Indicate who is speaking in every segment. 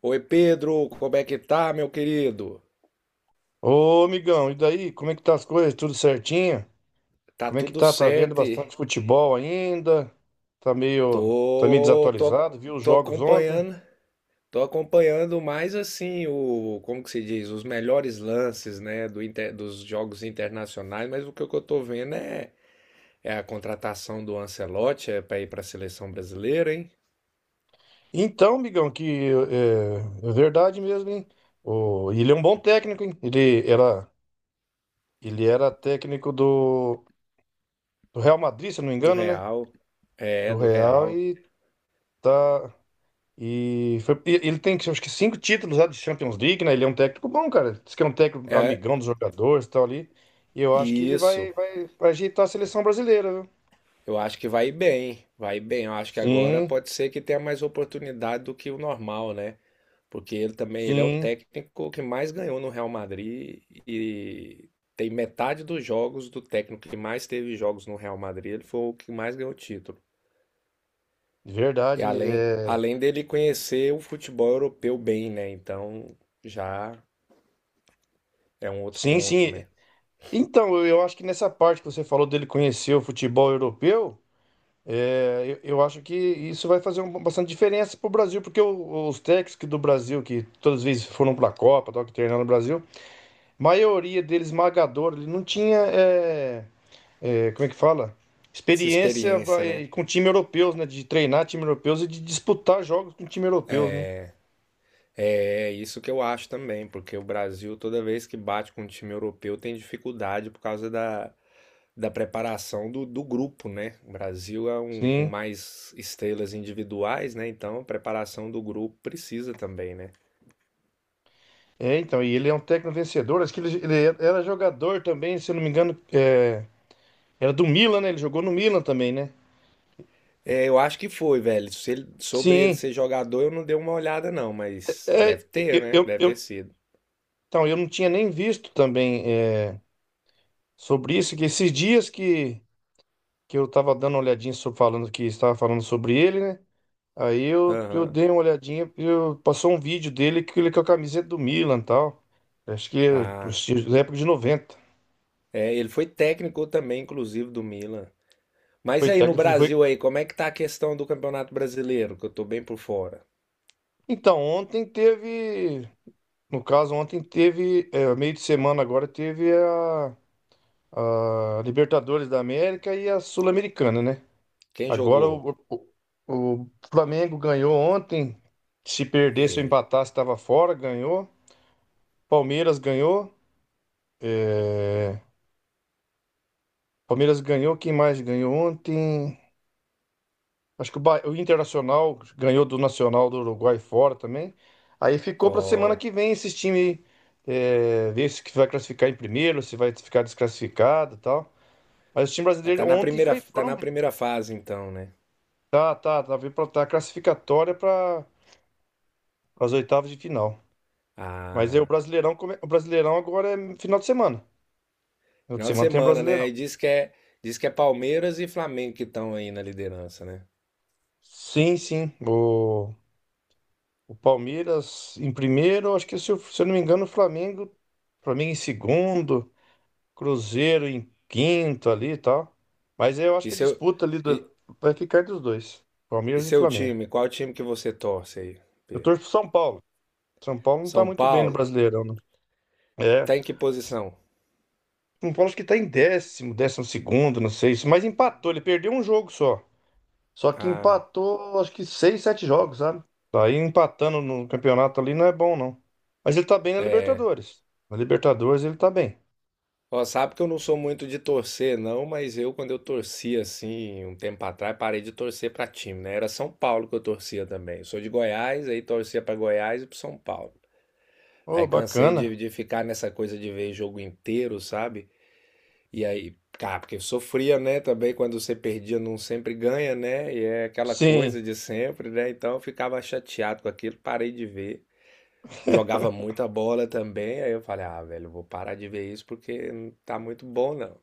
Speaker 1: Oi, Pedro, como é que tá, meu querido?
Speaker 2: Ô, amigão, e daí? Como é que tá as coisas? Tudo certinho?
Speaker 1: Tá
Speaker 2: Como é que
Speaker 1: tudo
Speaker 2: tá? Tá vendo
Speaker 1: certo? E
Speaker 2: bastante futebol ainda? Tá meio, tá meio
Speaker 1: Tô, tô,
Speaker 2: desatualizado, viu os
Speaker 1: tô
Speaker 2: jogos ontem?
Speaker 1: acompanhando, tô acompanhando mais assim o, como que se diz, os melhores lances, né, dos jogos internacionais, mas o que eu tô vendo é, é a contratação do Ancelotti é para ir para a seleção brasileira, hein?
Speaker 2: Então, amigão, que é verdade mesmo, hein? O, ele é um bom técnico, hein? Ele era técnico do Real Madrid, se eu não me
Speaker 1: Do
Speaker 2: engano, né?
Speaker 1: Real. É,
Speaker 2: Do
Speaker 1: do
Speaker 2: Real
Speaker 1: Real.
Speaker 2: e tá. Ele tem, acho que, cinco títulos lá de Champions League, né? Ele é um técnico bom, cara. Diz que é um técnico
Speaker 1: É,
Speaker 2: amigão dos jogadores e tal ali. E eu acho que ele
Speaker 1: isso.
Speaker 2: vai ajeitar a seleção brasileira, viu?
Speaker 1: Eu acho que vai bem, vai bem. Eu acho que agora
Speaker 2: Sim,
Speaker 1: pode ser que tenha mais oportunidade do que o normal, né? Porque ele também, ele é o
Speaker 2: sim,
Speaker 1: técnico que mais ganhou no Real Madrid e tem metade dos jogos do técnico que mais teve jogos no Real Madrid, ele foi o que mais ganhou título. E
Speaker 2: verdade.
Speaker 1: além,
Speaker 2: É.
Speaker 1: além dele conhecer o futebol europeu bem, né? Então já é um outro
Speaker 2: Sim,
Speaker 1: ponto,
Speaker 2: sim.
Speaker 1: né?
Speaker 2: Então, eu acho que nessa parte que você falou dele conhecer o futebol europeu, é, eu acho que isso vai fazer bastante diferença para o Brasil, porque os técnicos que do Brasil, que todas as vezes foram para a Copa, tal, que treinaram no Brasil, maioria deles esmagadora, ele não tinha. Como é que fala?
Speaker 1: Essa
Speaker 2: Experiência
Speaker 1: experiência, né?
Speaker 2: com time europeus, né? De treinar time europeus e de disputar jogos com time europeus, né?
Speaker 1: É isso que eu acho também, porque o Brasil, toda vez que bate com um time europeu, tem dificuldade por causa da preparação do grupo, né? O Brasil é um com
Speaker 2: Sim.
Speaker 1: mais estrelas individuais, né? Então a preparação do grupo precisa também, né?
Speaker 2: É, então, e ele é um técnico vencedor. Acho que ele era jogador também, se eu não me engano, é, era do Milan, né? Ele jogou no Milan também, né?
Speaker 1: É, eu acho que foi, velho. Se ele- Sobre ele
Speaker 2: Sim,
Speaker 1: ser jogador, eu não dei uma olhada, não, mas
Speaker 2: é,
Speaker 1: deve ter,
Speaker 2: eu,
Speaker 1: né?
Speaker 2: eu,
Speaker 1: Deve ter
Speaker 2: eu-
Speaker 1: sido.
Speaker 2: então, eu não tinha nem visto também é, sobre isso, que esses dias que eu estava dando uma olhadinha sobre, falando que estava falando sobre ele, né? Aí eu
Speaker 1: Aham.
Speaker 2: dei uma olhadinha, passou um vídeo dele que ele com a camiseta do Milan e tal. Acho que é
Speaker 1: Ah.
Speaker 2: da época de 90.
Speaker 1: É, ele foi técnico também, inclusive, do Milan. Mas
Speaker 2: Foi
Speaker 1: aí no
Speaker 2: técnico, ele foi.
Speaker 1: Brasil aí, como é que tá a questão do Campeonato Brasileiro? Que eu tô bem por fora.
Speaker 2: Então, ontem teve. No caso, ontem teve. Meio de semana agora teve a Libertadores da América e a Sul-Americana, né?
Speaker 1: Quem
Speaker 2: Agora
Speaker 1: jogou?
Speaker 2: o Flamengo ganhou ontem. Se perdesse ou
Speaker 1: É,
Speaker 2: empatasse, estava fora, ganhou. Palmeiras ganhou. É, Palmeiras ganhou. Quem mais ganhou ontem? Acho que o Internacional ganhou do Nacional do Uruguai fora também. Aí ficou para semana
Speaker 1: ó,
Speaker 2: que vem esses times, ver se que vai classificar em primeiro, se vai ficar desclassificado e tal. Mas o time brasileiro ontem foi,
Speaker 1: tá
Speaker 2: foram
Speaker 1: na
Speaker 2: bem.
Speaker 1: primeira fase então, né?
Speaker 2: Tá, tá, tá, tá classificatória para as oitavas de final. Mas aí o
Speaker 1: Ah,
Speaker 2: Brasileirão, o Brasileirão agora é final de semana. Final de
Speaker 1: final de
Speaker 2: semana tem o
Speaker 1: semana, né?
Speaker 2: Brasileirão.
Speaker 1: E diz que é Palmeiras e Flamengo que estão aí na liderança, né?
Speaker 2: Sim, sim. O Palmeiras em primeiro, acho que se eu não me engano, o Flamengo em segundo. Cruzeiro em quinto ali e tal. Mas eu acho
Speaker 1: E
Speaker 2: que é
Speaker 1: seu,
Speaker 2: disputa ali
Speaker 1: e,
Speaker 2: do... Vai ficar entre os dois,
Speaker 1: e
Speaker 2: Palmeiras e
Speaker 1: seu
Speaker 2: Flamengo.
Speaker 1: time? Qual time que você torce aí,
Speaker 2: Eu
Speaker 1: Pedro?
Speaker 2: torço pro São Paulo. São Paulo não tá
Speaker 1: São
Speaker 2: muito bem no
Speaker 1: Paulo?
Speaker 2: Brasileirão, né? É.
Speaker 1: Tá em que posição?
Speaker 2: São Paulo acho que tá em décimo, décimo segundo, não sei. Mas empatou, ele perdeu um jogo só. Só que
Speaker 1: Ah,
Speaker 2: empatou, acho que seis, sete jogos, sabe? Tá, aí empatando no campeonato ali não é bom, não. Mas ele tá bem na Libertadores. Na Libertadores ele tá bem.
Speaker 1: ó, sabe que eu não sou muito de torcer, não, mas eu, quando eu torcia assim, um tempo atrás, parei de torcer pra time, né? Era São Paulo que eu torcia também. Eu sou de Goiás, aí torcia pra Goiás e pro São Paulo.
Speaker 2: Ô,
Speaker 1: Aí cansei
Speaker 2: bacana.
Speaker 1: de ficar nessa coisa de ver jogo inteiro, sabe? E aí, cara, porque eu sofria, né, também quando você perdia, não sempre ganha, né? E é aquela
Speaker 2: Sim,
Speaker 1: coisa de sempre, né? Então eu ficava chateado com aquilo, parei de ver. Jogava muita bola também, aí eu falei, ah, velho, eu vou parar de ver isso porque não tá muito bom, não.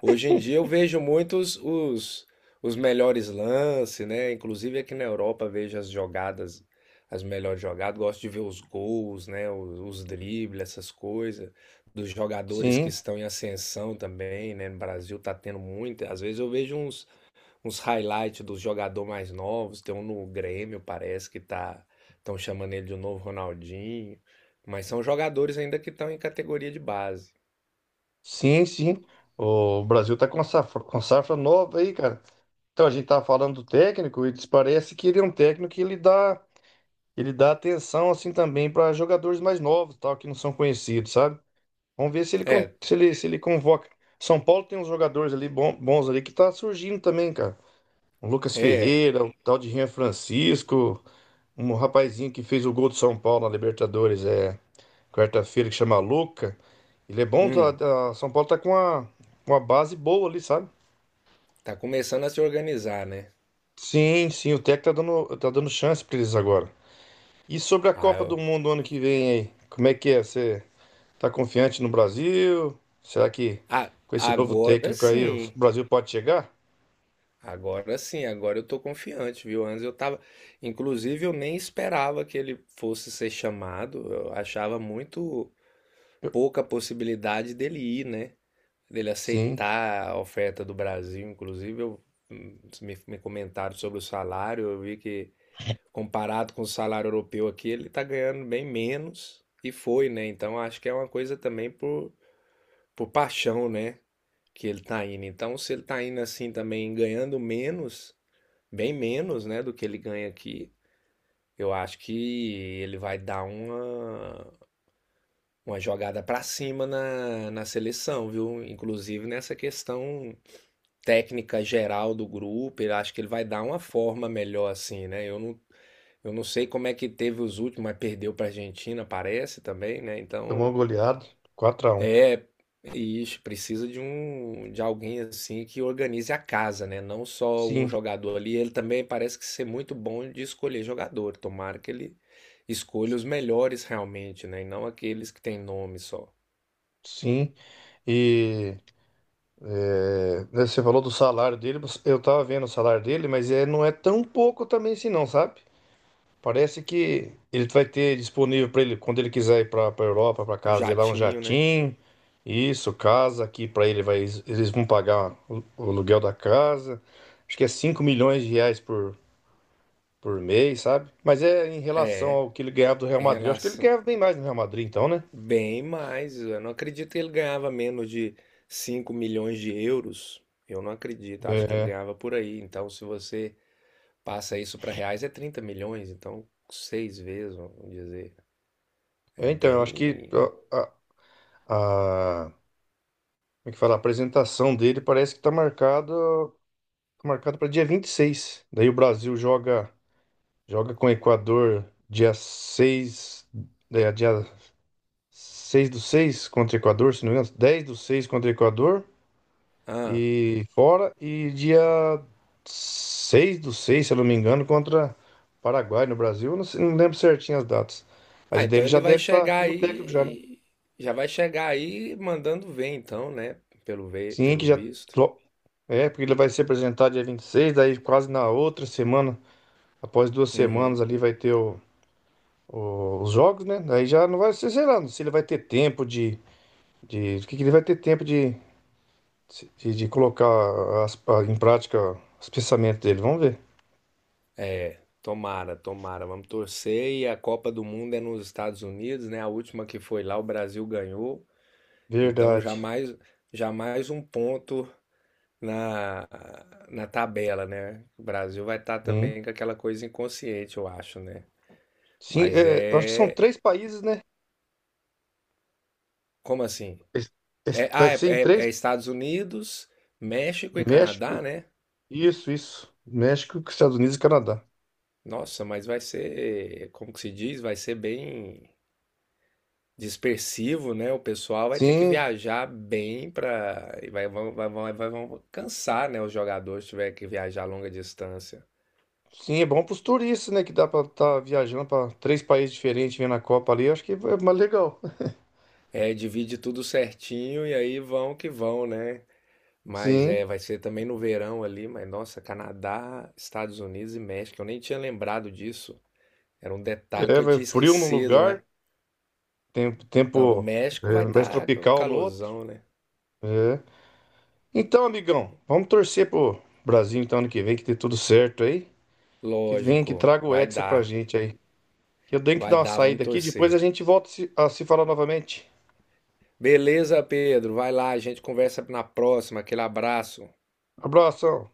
Speaker 1: Hoje em dia eu vejo muitos os melhores lances, né? Inclusive aqui na Europa vejo as jogadas, as melhores jogadas. Gosto de ver os gols, né? Os dribles, essas coisas. Dos jogadores que
Speaker 2: sim.
Speaker 1: estão em ascensão também, né? No Brasil tá tendo muito. Às vezes eu vejo uns, uns highlights dos jogadores mais novos. Tem um no Grêmio, parece que tá, estão chamando ele de um novo Ronaldinho. Mas são jogadores ainda que estão em categoria de base.
Speaker 2: Sim, sim. O Brasil tá com safra nova aí, cara. Então a gente tava falando do técnico e parece que ele é um técnico que ele dá atenção assim também para jogadores mais novos, tal, que não são conhecidos, sabe? Vamos ver se ele con-
Speaker 1: É,
Speaker 2: se ele, se ele convoca. São Paulo tem uns jogadores ali bons ali que tá surgindo também, cara. O Lucas
Speaker 1: é.
Speaker 2: Ferreira, um tal de Rian Francisco, um rapazinho que fez o gol do São Paulo na Libertadores, é quarta-feira, que chama Luca. Ele é bom.
Speaker 1: Hum.
Speaker 2: São Paulo tá com uma base boa ali, sabe?
Speaker 1: Tá começando a se organizar, né?
Speaker 2: Sim, sim, o Tec tá dando chance pra eles agora. E sobre a
Speaker 1: Ah,
Speaker 2: Copa do
Speaker 1: eu-
Speaker 2: Mundo ano que vem aí? Como é que é? Você tá confiante no Brasil? Será que
Speaker 1: Ah,
Speaker 2: com esse novo
Speaker 1: agora
Speaker 2: técnico aí o
Speaker 1: sim.
Speaker 2: Brasil pode chegar?
Speaker 1: Agora sim, agora eu tô confiante, viu? Antes eu tava. Inclusive, eu nem esperava que ele fosse ser chamado. Eu achava muito
Speaker 2: Eu-
Speaker 1: pouca possibilidade dele ir, né? Dele
Speaker 2: Sim,
Speaker 1: aceitar a oferta do Brasil. Inclusive, eu... me comentaram sobre o salário. Eu vi que, comparado com o salário europeu aqui, ele tá ganhando bem menos. E foi, né? Então, acho que é uma coisa também por paixão, né? Que ele está indo. Então, se ele está indo assim também, ganhando menos, bem menos, né, do que ele ganha aqui, eu acho que ele vai dar uma jogada para cima na seleção, viu? Inclusive nessa questão técnica geral do grupo, eu acho que ele vai dar uma forma melhor assim, né? Eu não sei como é que teve os últimos, mas perdeu pra Argentina, parece também, né?
Speaker 2: tomou
Speaker 1: Então,
Speaker 2: goleado, 4-1.
Speaker 1: é, isso, precisa de um de alguém assim que organize a casa, né? Não só um
Speaker 2: Sim,
Speaker 1: jogador ali. Ele também parece que ser muito bom de escolher jogador. Tomara que ele escolha os melhores realmente, né? E não aqueles que têm nome só.
Speaker 2: sim. E, né, você falou do salário dele, eu tava vendo o salário dele, mas é, não é tão pouco também assim, não, sabe? Parece que ele vai ter disponível para ele quando ele quiser ir para a Europa, para
Speaker 1: Um
Speaker 2: casa dele lá, um
Speaker 1: jatinho, né?
Speaker 2: jatinho. Isso, casa aqui para ele vai eles vão pagar o aluguel da casa. Acho que é R$ 5 milhões por mês, sabe? Mas é em relação
Speaker 1: É,
Speaker 2: ao que ele ganhava do Real
Speaker 1: em
Speaker 2: Madrid. Eu acho que ele
Speaker 1: relação.
Speaker 2: ganhava bem mais no Real Madrid, então, né?
Speaker 1: Bem mais. Eu não acredito que ele ganhava menos de 5 milhões de euros. Eu não acredito. Acho que ele
Speaker 2: É,
Speaker 1: ganhava por aí. Então, se você passa isso para reais é 30 milhões, então seis vezes, vamos dizer. É
Speaker 2: então, eu acho que
Speaker 1: bem.
Speaker 2: a, a- a- como é que fala? A apresentação dele parece que tá marcado para dia 26. Daí o Brasil joga. Joga com o Equador dia 6 do 6 contra o Equador, se não me engano, 10/6 contra o Equador
Speaker 1: Ah,
Speaker 2: e fora, e dia 6/6, se eu não me engano, contra Paraguai no Brasil. Eu não, sei- Não lembro certinho as datas.
Speaker 1: ah,
Speaker 2: Mas
Speaker 1: então
Speaker 2: dele já
Speaker 1: ele vai
Speaker 2: deve estar
Speaker 1: chegar
Speaker 2: como técnico já, né?
Speaker 1: aí. Já vai chegar aí mandando ver, então, né? Pelo, ve...
Speaker 2: Sim, que
Speaker 1: pelo
Speaker 2: já
Speaker 1: visto.
Speaker 2: porque ele vai se apresentar dia 26, daí quase na outra semana, após duas
Speaker 1: Uhum.
Speaker 2: semanas ali vai ter os jogos, né? Daí já não vai ser, sei lá, não sei se ele vai ter tempo de que ele vai ter tempo de colocar em prática os pensamentos dele. Vamos ver.
Speaker 1: É, tomara, tomara. Vamos torcer. E a Copa do Mundo é nos Estados Unidos, né? A última que foi lá, o Brasil ganhou. Então
Speaker 2: Verdade.
Speaker 1: já mais um ponto na, na tabela, né? O Brasil vai estar
Speaker 2: Sim.
Speaker 1: também com aquela coisa inconsciente, eu acho, né?
Speaker 2: Sim,
Speaker 1: Mas
Speaker 2: é, eu acho que são
Speaker 1: é.
Speaker 2: três países, né?
Speaker 1: Como assim?
Speaker 2: Es- Vai ser em três.
Speaker 1: É Estados Unidos, México e
Speaker 2: México,
Speaker 1: Canadá, né?
Speaker 2: isso, isso. México, Estados Unidos e Canadá.
Speaker 1: Nossa, mas vai ser, como que se diz? Vai ser bem dispersivo, né? O pessoal vai ter que
Speaker 2: Sim,
Speaker 1: viajar bem para e vão cansar, né? Os jogadores se tiver que viajar a longa distância.
Speaker 2: sim, é bom para os turistas, né? Que dá para estar viajando para três países diferentes, vendo a Copa ali. Acho que é mais legal.
Speaker 1: É, divide tudo certinho e aí vão que vão, né? Mas é,
Speaker 2: Sim,
Speaker 1: vai ser também no verão ali, mas nossa, Canadá, Estados Unidos e México, eu nem tinha lembrado disso. Era um detalhe que
Speaker 2: é,
Speaker 1: eu
Speaker 2: vai
Speaker 1: tinha
Speaker 2: frio num
Speaker 1: esquecido, mas.
Speaker 2: lugar, tempo,
Speaker 1: Não, no
Speaker 2: tempo
Speaker 1: México
Speaker 2: é
Speaker 1: vai
Speaker 2: mais
Speaker 1: estar o
Speaker 2: tropical no outro.
Speaker 1: calorzão, né?
Speaker 2: É. Então, amigão, vamos torcer pro Brasil então ano que vem, que dê tudo certo aí. Que venha, que
Speaker 1: Lógico,
Speaker 2: traga o
Speaker 1: vai
Speaker 2: Hexa pra
Speaker 1: dar.
Speaker 2: gente aí. Que eu tenho que
Speaker 1: Vai
Speaker 2: dar uma
Speaker 1: dar, vamos
Speaker 2: saída aqui, depois a
Speaker 1: torcer.
Speaker 2: gente volta a se falar novamente.
Speaker 1: Beleza, Pedro. Vai lá, a gente conversa na próxima. Aquele abraço.
Speaker 2: Abração.